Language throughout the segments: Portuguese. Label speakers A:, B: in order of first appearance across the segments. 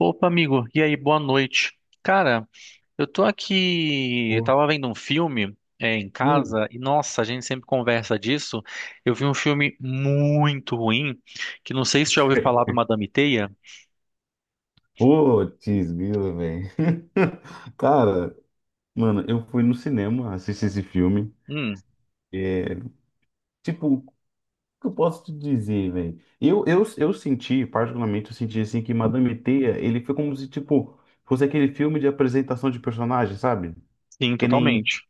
A: Opa, amigo. E aí, boa noite. Cara, eu
B: Pô,
A: tava vendo um filme em
B: hum,
A: casa e nossa, a gente sempre conversa disso. Eu vi um filme muito ruim, que não sei se já ouviu falar do Madame Teia.
B: putz, grila, velho. Cara, mano, eu fui no cinema assistir esse filme.
A: Hum,
B: Tipo, o que eu posso te dizer, velho? Eu senti, particularmente, eu senti assim que Madame Teia, ele foi como se, tipo, fosse aquele filme de apresentação de personagem, sabe?
A: sim,
B: Que nem
A: totalmente.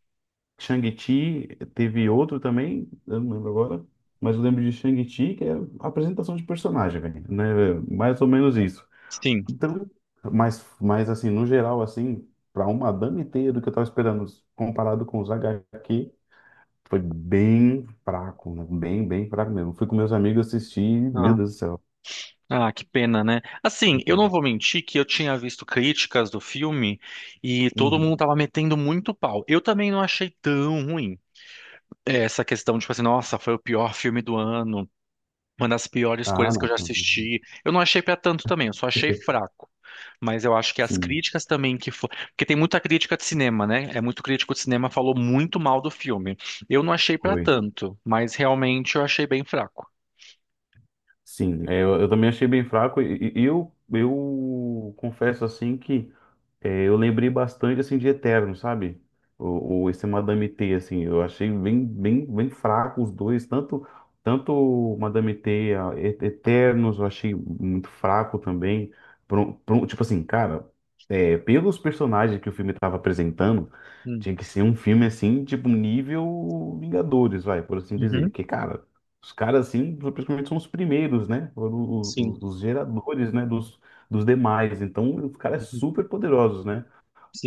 B: Shang-Chi, teve outro também, eu não lembro agora, mas eu lembro de Shang-Chi, que é apresentação de personagem, velho, né? Velho? Mais ou menos isso.
A: Sim.
B: Então, mas assim, no geral, assim, para um madame ter do que eu tava esperando, comparado com os H HQ, foi bem fraco, né? Bem fraco mesmo. Fui com meus amigos assistir, meu
A: Ah,
B: Deus do céu.
A: ah, que pena, né? Assim, eu não vou mentir que eu tinha visto críticas do filme e todo
B: Uhum.
A: mundo tava metendo muito pau. Eu também não achei tão ruim. Essa questão, tipo assim, nossa, foi o pior filme do ano. Uma das piores
B: Ah,
A: coisas que
B: não.
A: eu já
B: Tá.
A: assisti. Eu não achei pra tanto também, eu só achei fraco. Mas eu acho que as
B: Sim,
A: críticas também que foi. Porque tem muita crítica de cinema, né? É muito crítico de cinema, falou muito mal do filme. Eu não achei pra
B: foi.
A: tanto, mas realmente eu achei bem fraco.
B: Sim, é, eu também achei bem fraco e, e eu confesso assim que eu lembrei bastante assim de Eterno, sabe? O esse Madame T, assim, eu achei bem, bem fraco os dois, tanto Madame T, a Eternos, eu achei muito fraco também. Tipo assim, cara, pelos personagens que o filme estava apresentando,
A: Hum.
B: tinha que ser um filme assim, tipo nível Vingadores, vai, por assim dizer.
A: Uhum.
B: Que cara os caras, assim, principalmente são os primeiros, né? Foram
A: Sim.
B: os geradores, né? Dos demais. Então, os caras
A: Uhum.
B: super poderosos, né?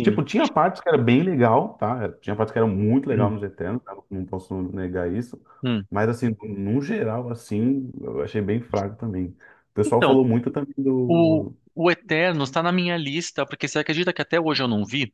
B: Tipo, tinha partes que era bem legal, tá? Tinha partes que era muito legal nos Eternos, tá? Não posso negar isso.
A: Hum.
B: Mas, assim, no geral, assim, eu achei bem fraco também. O pessoal
A: Então,
B: falou muito também
A: O,
B: do...
A: o eterno está na minha lista, porque você acredita que até hoje eu não vi?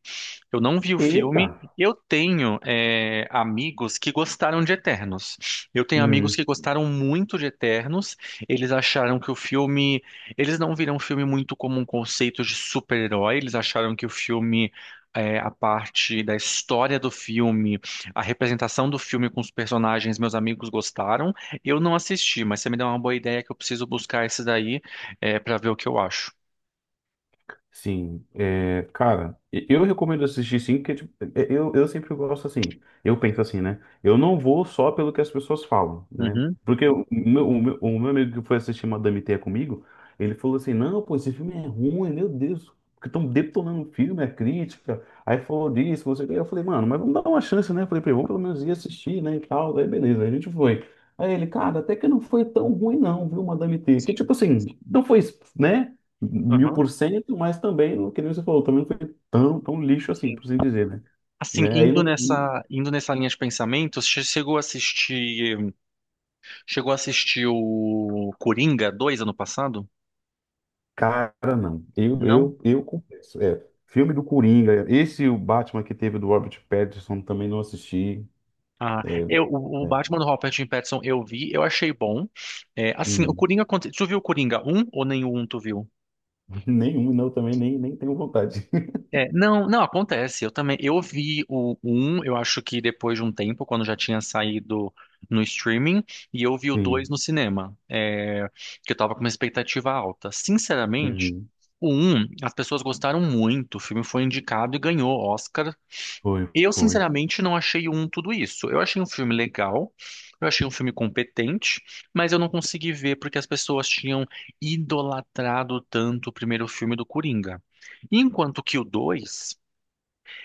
A: Eu não vi o filme.
B: Eita!
A: Eu tenho amigos que gostaram de Eternos. Eu tenho amigos
B: Hum.
A: que gostaram muito de Eternos. Eles acharam que o filme. Eles não viram o filme muito como um conceito de super-herói. Eles acharam que o filme. A parte da história do filme, a representação do filme com os personagens, meus amigos gostaram. Eu não assisti, mas você me deu uma boa ideia que eu preciso buscar esse daí para ver o que eu acho.
B: Sim, é, cara, eu recomendo assistir sim, porque tipo, eu sempre gosto assim, eu penso assim, né? Eu não vou só pelo que as pessoas falam, né?
A: Uhum.
B: Porque o meu amigo que foi assistir Madame Teia comigo, ele falou assim, não, pô, esse filme é ruim, meu Deus, porque estão detonando o filme, a crítica, aí falou disso, você... Eu falei, mano, mas vamos dar uma chance, né? Eu falei pra ele, vamos pelo menos ir assistir, né, e tal, aí beleza, aí a gente foi. Aí ele, cara, até que não foi tão ruim não, viu, Madame Teia, que tipo
A: Sim.
B: assim, não foi, né? mil
A: Aham.
B: por cento, mas também, que nem você falou, também não foi tão lixo assim,
A: Sim.
B: por assim dizer, né?
A: Assim,
B: Né? Aí no
A: indo nessa linha de pensamento, chegou a assistir o Coringa 2 ano passado?
B: cara, não. Eu,
A: Não?
B: eu, eu confesso. É, filme do Coringa, esse o Batman que teve do Robert Pattinson também não assisti.
A: Ah,
B: É,
A: eu, o
B: é,
A: Batman do Robert Pattinson eu vi, eu achei bom. É, assim, o
B: hum,
A: Coringa, tu viu o Coringa um ou nenhum um tu viu?
B: nenhum, não, também nem tenho vontade.
A: É, não, não acontece. Eu também, eu vi o um. Eu acho que depois de um tempo, quando já tinha saído no streaming, e eu vi o 2
B: Sim.
A: no cinema, que eu tava com uma expectativa alta. Sinceramente,
B: Uhum.
A: o um, as pessoas gostaram muito, o filme foi indicado e ganhou Oscar.
B: Foi,
A: Eu,
B: foi.
A: sinceramente, não achei um tudo isso. Eu achei um filme legal, eu achei um filme competente, mas eu não consegui ver porque as pessoas tinham idolatrado tanto o primeiro filme do Coringa. Enquanto que o 2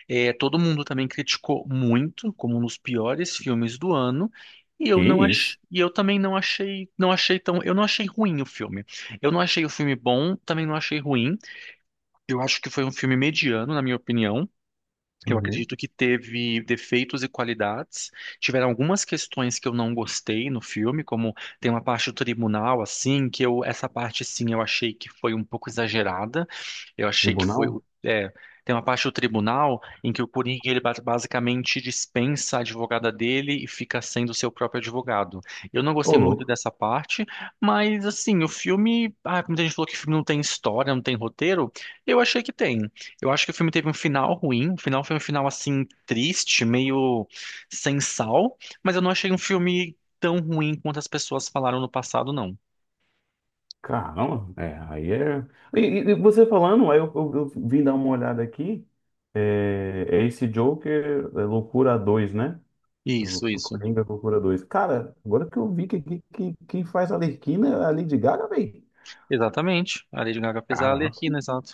A: todo mundo também criticou muito, como um dos piores filmes do ano.
B: Que isso?
A: E eu também não achei, eu não achei ruim o filme. Eu não achei o filme bom, também não achei ruim. Eu acho que foi um filme mediano, na minha opinião. Eu
B: Uhum.
A: acredito que teve defeitos e qualidades. Tiveram algumas questões que eu não gostei no filme, como tem uma parte do tribunal, assim, que eu, essa parte, sim, eu achei que foi um pouco exagerada. Eu achei que foi,
B: Tribunal?
A: tem uma parte do tribunal em que o Coringa, ele basicamente dispensa a advogada dele e fica sendo seu próprio advogado. Eu não
B: Ô,
A: gostei muito
B: louco.
A: dessa parte, mas, assim, o filme, ah, muita gente falou que o filme não tem história, não tem roteiro. Eu achei que tem. Eu acho que o filme teve um final ruim. O final foi um final assim triste, meio sem sal, mas eu não achei um filme tão ruim quanto as pessoas falaram no passado, não.
B: Caramba, é, aí é. E, e você falando, aí eu, eu vim dar uma olhada aqui. É, é esse Joker, é Loucura 2, né?
A: Isso, isso.
B: Coringa Loucura 2. Cara, agora que eu vi que, quem faz a Arlequina é a Lady Gaga, velho.
A: Exatamente. A Lady Gaga fez a
B: Caraca,
A: Arlequina, exato.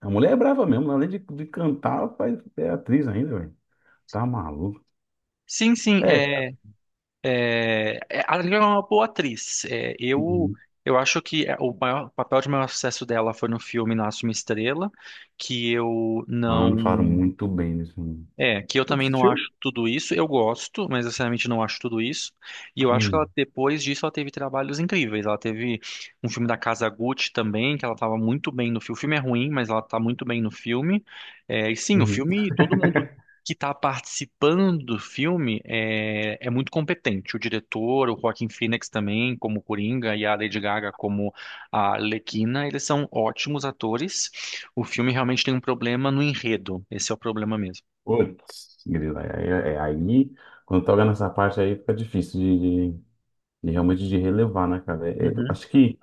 B: a mulher é brava mesmo, além de cantar, ela faz, é atriz ainda, velho. Tá maluco.
A: Sim, sim,
B: É, cara.
A: é, a Lady Gaga é uma boa atriz.
B: Uhum.
A: Eu acho que o maior o papel de maior sucesso dela foi no filme Nasce uma Estrela, que eu
B: Mano, falaram
A: não.
B: muito bem nesse filme.
A: É, que eu
B: Tu
A: também não acho
B: assistiu?
A: tudo isso. Eu gosto, mas eu sinceramente não acho tudo isso. E eu acho que
B: Uhum.
A: ela, depois disso, ela teve trabalhos incríveis. Ela teve um filme da Casa Gucci também, que ela estava muito bem no filme. O filme é ruim, mas ela está muito bem no filme. É, e sim, o
B: Uhum.
A: filme, todo mundo que está participando do filme é muito competente. O diretor, o Joaquin Phoenix também, como Coringa, e a Lady Gaga como a Arlequina, eles são ótimos atores. O filme realmente tem um problema no enredo. Esse é o problema mesmo.
B: Putz, grilo, aí, aí, quando toca nessa parte aí, fica difícil de, de realmente de relevar, né, cara? É, é, eu
A: Uhum.
B: acho que,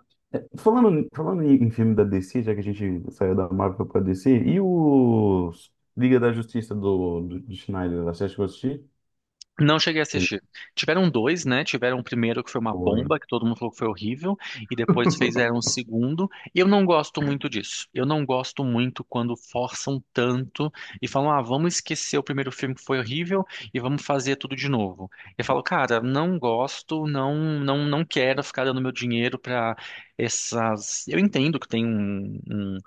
B: falando em, em filme da DC, já que a gente saiu da Marvel pra DC, e os Liga da Justiça do Schneider, você acha que eu assisti?
A: Não cheguei a
B: Que ele
A: assistir. Tiveram dois, né? Tiveram o primeiro que foi uma
B: foi...
A: bomba, que todo mundo falou que foi horrível, e depois fizeram o segundo. E eu não gosto muito disso. Eu não gosto muito quando forçam tanto e falam, ah, vamos esquecer o primeiro filme que foi horrível e vamos fazer tudo de novo. Eu falo, cara, não gosto, não, não, não quero ficar dando meu dinheiro pra essas. Eu entendo que tem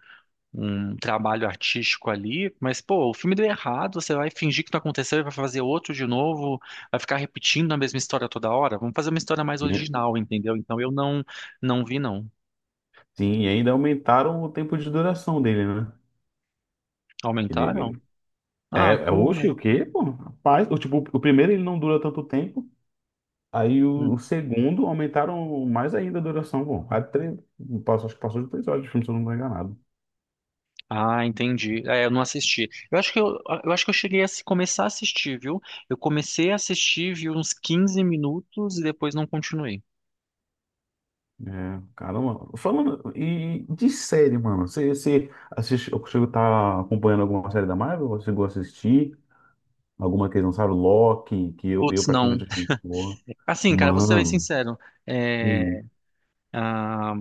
A: um trabalho artístico ali, mas pô, o filme deu errado, você vai fingir que não aconteceu e vai fazer outro de novo, vai ficar repetindo a mesma história toda hora. Vamos fazer uma história mais
B: E-
A: original, entendeu? Então eu não não, vi não.
B: sim, e ainda aumentaram o tempo de duração dele, né? Que ele,
A: Aumentaram?
B: é,
A: Ah,
B: é,
A: não
B: oxe, o
A: lembro.
B: quê, pô? Rapaz, o, tipo, o primeiro ele não dura tanto tempo, aí
A: Hum.
B: o segundo aumentaram mais ainda a duração. Bom, quase três, acho que passou de 3 horas de filme, se eu não estou enganado.
A: Ah, entendi. É, eu não assisti. Eu acho que eu cheguei a começar a assistir, viu? Eu comecei a assistir, vi uns 15 minutos e depois não continuei.
B: É, caramba. Falando e de série, mano. Você assiste, eu consigo tá acompanhando alguma série da Marvel? Você chegou a assistir? Alguma que eles lançaram? Loki, que eu
A: Putz, não.
B: praticamente achei muito boa.
A: Assim, cara, vou ser bem
B: Mano.
A: sincero. É,
B: Hum.
A: ah,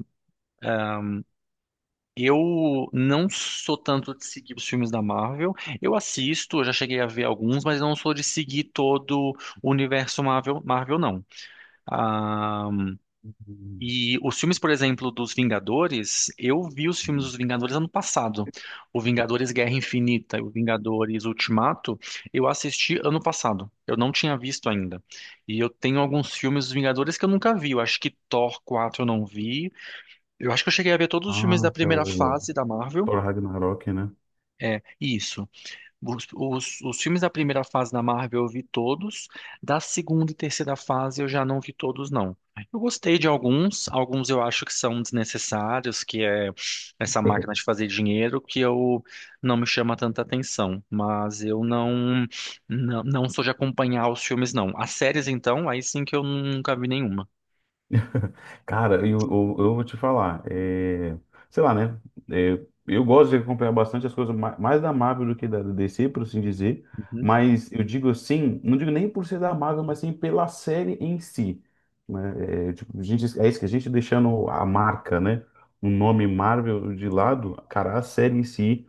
A: Eu não sou tanto de seguir os filmes da Marvel. Eu assisto, eu já cheguei a ver alguns, mas não sou de seguir todo o universo Marvel não. Ah,
B: Hum.
A: e os filmes, por exemplo, dos Vingadores, eu vi os filmes
B: Hum.
A: dos Vingadores ano passado. O Vingadores Guerra Infinita e o Vingadores Ultimato, eu assisti ano passado. Eu não tinha visto ainda. E eu tenho alguns filmes dos Vingadores que eu nunca vi. Eu acho que Thor 4 eu não vi. Eu acho que eu cheguei a ver todos os filmes da
B: Ah, que é
A: primeira
B: o
A: fase da Marvel.
B: Thor Ragnarok, né?
A: É, isso. Os filmes da primeira fase da Marvel eu vi todos, da segunda e terceira fase eu já não vi todos, não. Eu gostei de alguns, alguns eu acho que são desnecessários, que é essa máquina de fazer dinheiro, que eu não me chama tanta atenção, mas eu não, não, não sou de acompanhar os filmes, não. As séries, então, aí sim que eu nunca vi nenhuma.
B: Cara, eu vou te falar, sei lá, né? é, eu gosto de acompanhar bastante as coisas mais da Marvel do que da DC, por assim dizer.
A: Uhum.
B: Mas eu digo assim, não digo nem por ser da Marvel, mas sim pela série em si. Né? É, tipo, a gente, é isso que a gente deixando a marca, né? O nome Marvel de lado, cara, a série em si.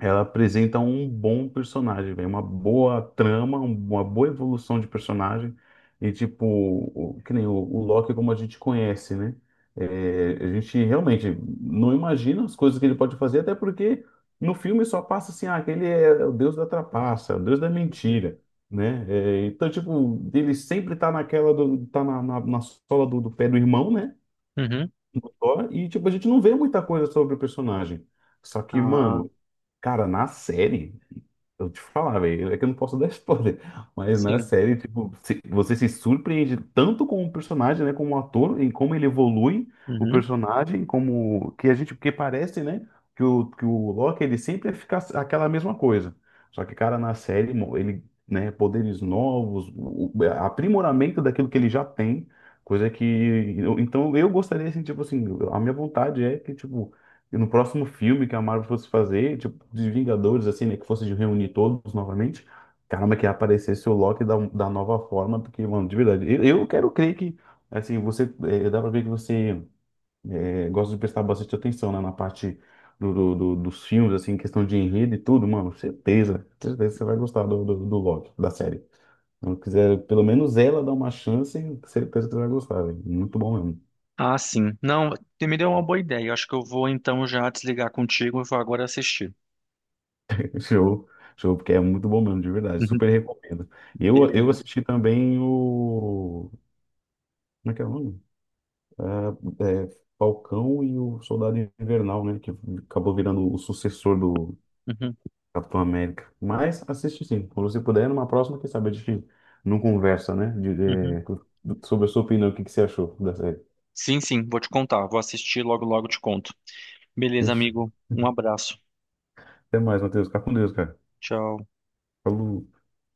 B: Ela apresenta um bom personagem, velho, uma boa trama, uma boa evolução de personagem. E, tipo, que nem o, o Loki, como a gente conhece, né? É, a gente realmente não imagina as coisas que ele pode fazer, até porque no filme só passa assim: ah, que ele é o deus da trapaça, o deus da
A: Uhum.
B: mentira, né? É, então, tipo, ele sempre tá naquela, do, tá na, na sola do, do pé do irmão, né?
A: Uhum.
B: Só e, tipo, a gente não vê muita coisa sobre o personagem. Só que,
A: Ah,
B: mano, cara, na série, eu te falar, velho, é que eu não posso dar spoiler, mas na
A: sim.
B: série, tipo, você se surpreende tanto com o personagem, né, como o ator, em como ele evolui o
A: Uhum.
B: personagem, como que a gente, porque parece, né, que o Loki, ele sempre fica aquela mesma coisa. Só que, cara, na série, ele, né, poderes novos, aprimoramento daquilo que ele já tem, coisa que então eu gostaria assim, tipo assim, a minha vontade é que tipo no próximo filme que a Marvel fosse fazer, tipo de Vingadores assim, né, que fosse de reunir todos novamente, caramba, que aparecesse o Loki da, da nova forma, porque mano, de verdade, eu quero crer que assim, você dá pra ver que você gosta de prestar bastante atenção, né, na parte do, dos filmes assim, questão de enredo e tudo, mano, certeza, certeza que você vai gostar do, do Loki da série. Não quiser, pelo menos ela dá uma chance, certeza que você vai gostar, velho. Muito bom mesmo.
A: Ah, sim. Não, me deu uma boa ideia. Eu acho que eu vou então já desligar contigo e vou agora assistir.
B: Show, show, porque é muito bom mesmo, de verdade.
A: Uhum.
B: Super recomendo. Eu
A: Beleza.
B: assisti também o. Como é que é o nome? É, Falcão e o Soldado Invernal, né? Que acabou virando o sucessor do
A: Uhum,
B: Capitão América. Mas assiste sim, quando você puder, numa próxima, quem sabe a gente não conversa, né? De,
A: uhum.
B: sobre a sua opinião, o que que você achou da série.
A: Sim, sim, vou te contar. Vou assistir logo te conto. Beleza,
B: Fechou.
A: amigo. Um abraço.
B: Até mais, Matheus. Fica com Deus, cara.
A: Tchau.
B: Falou.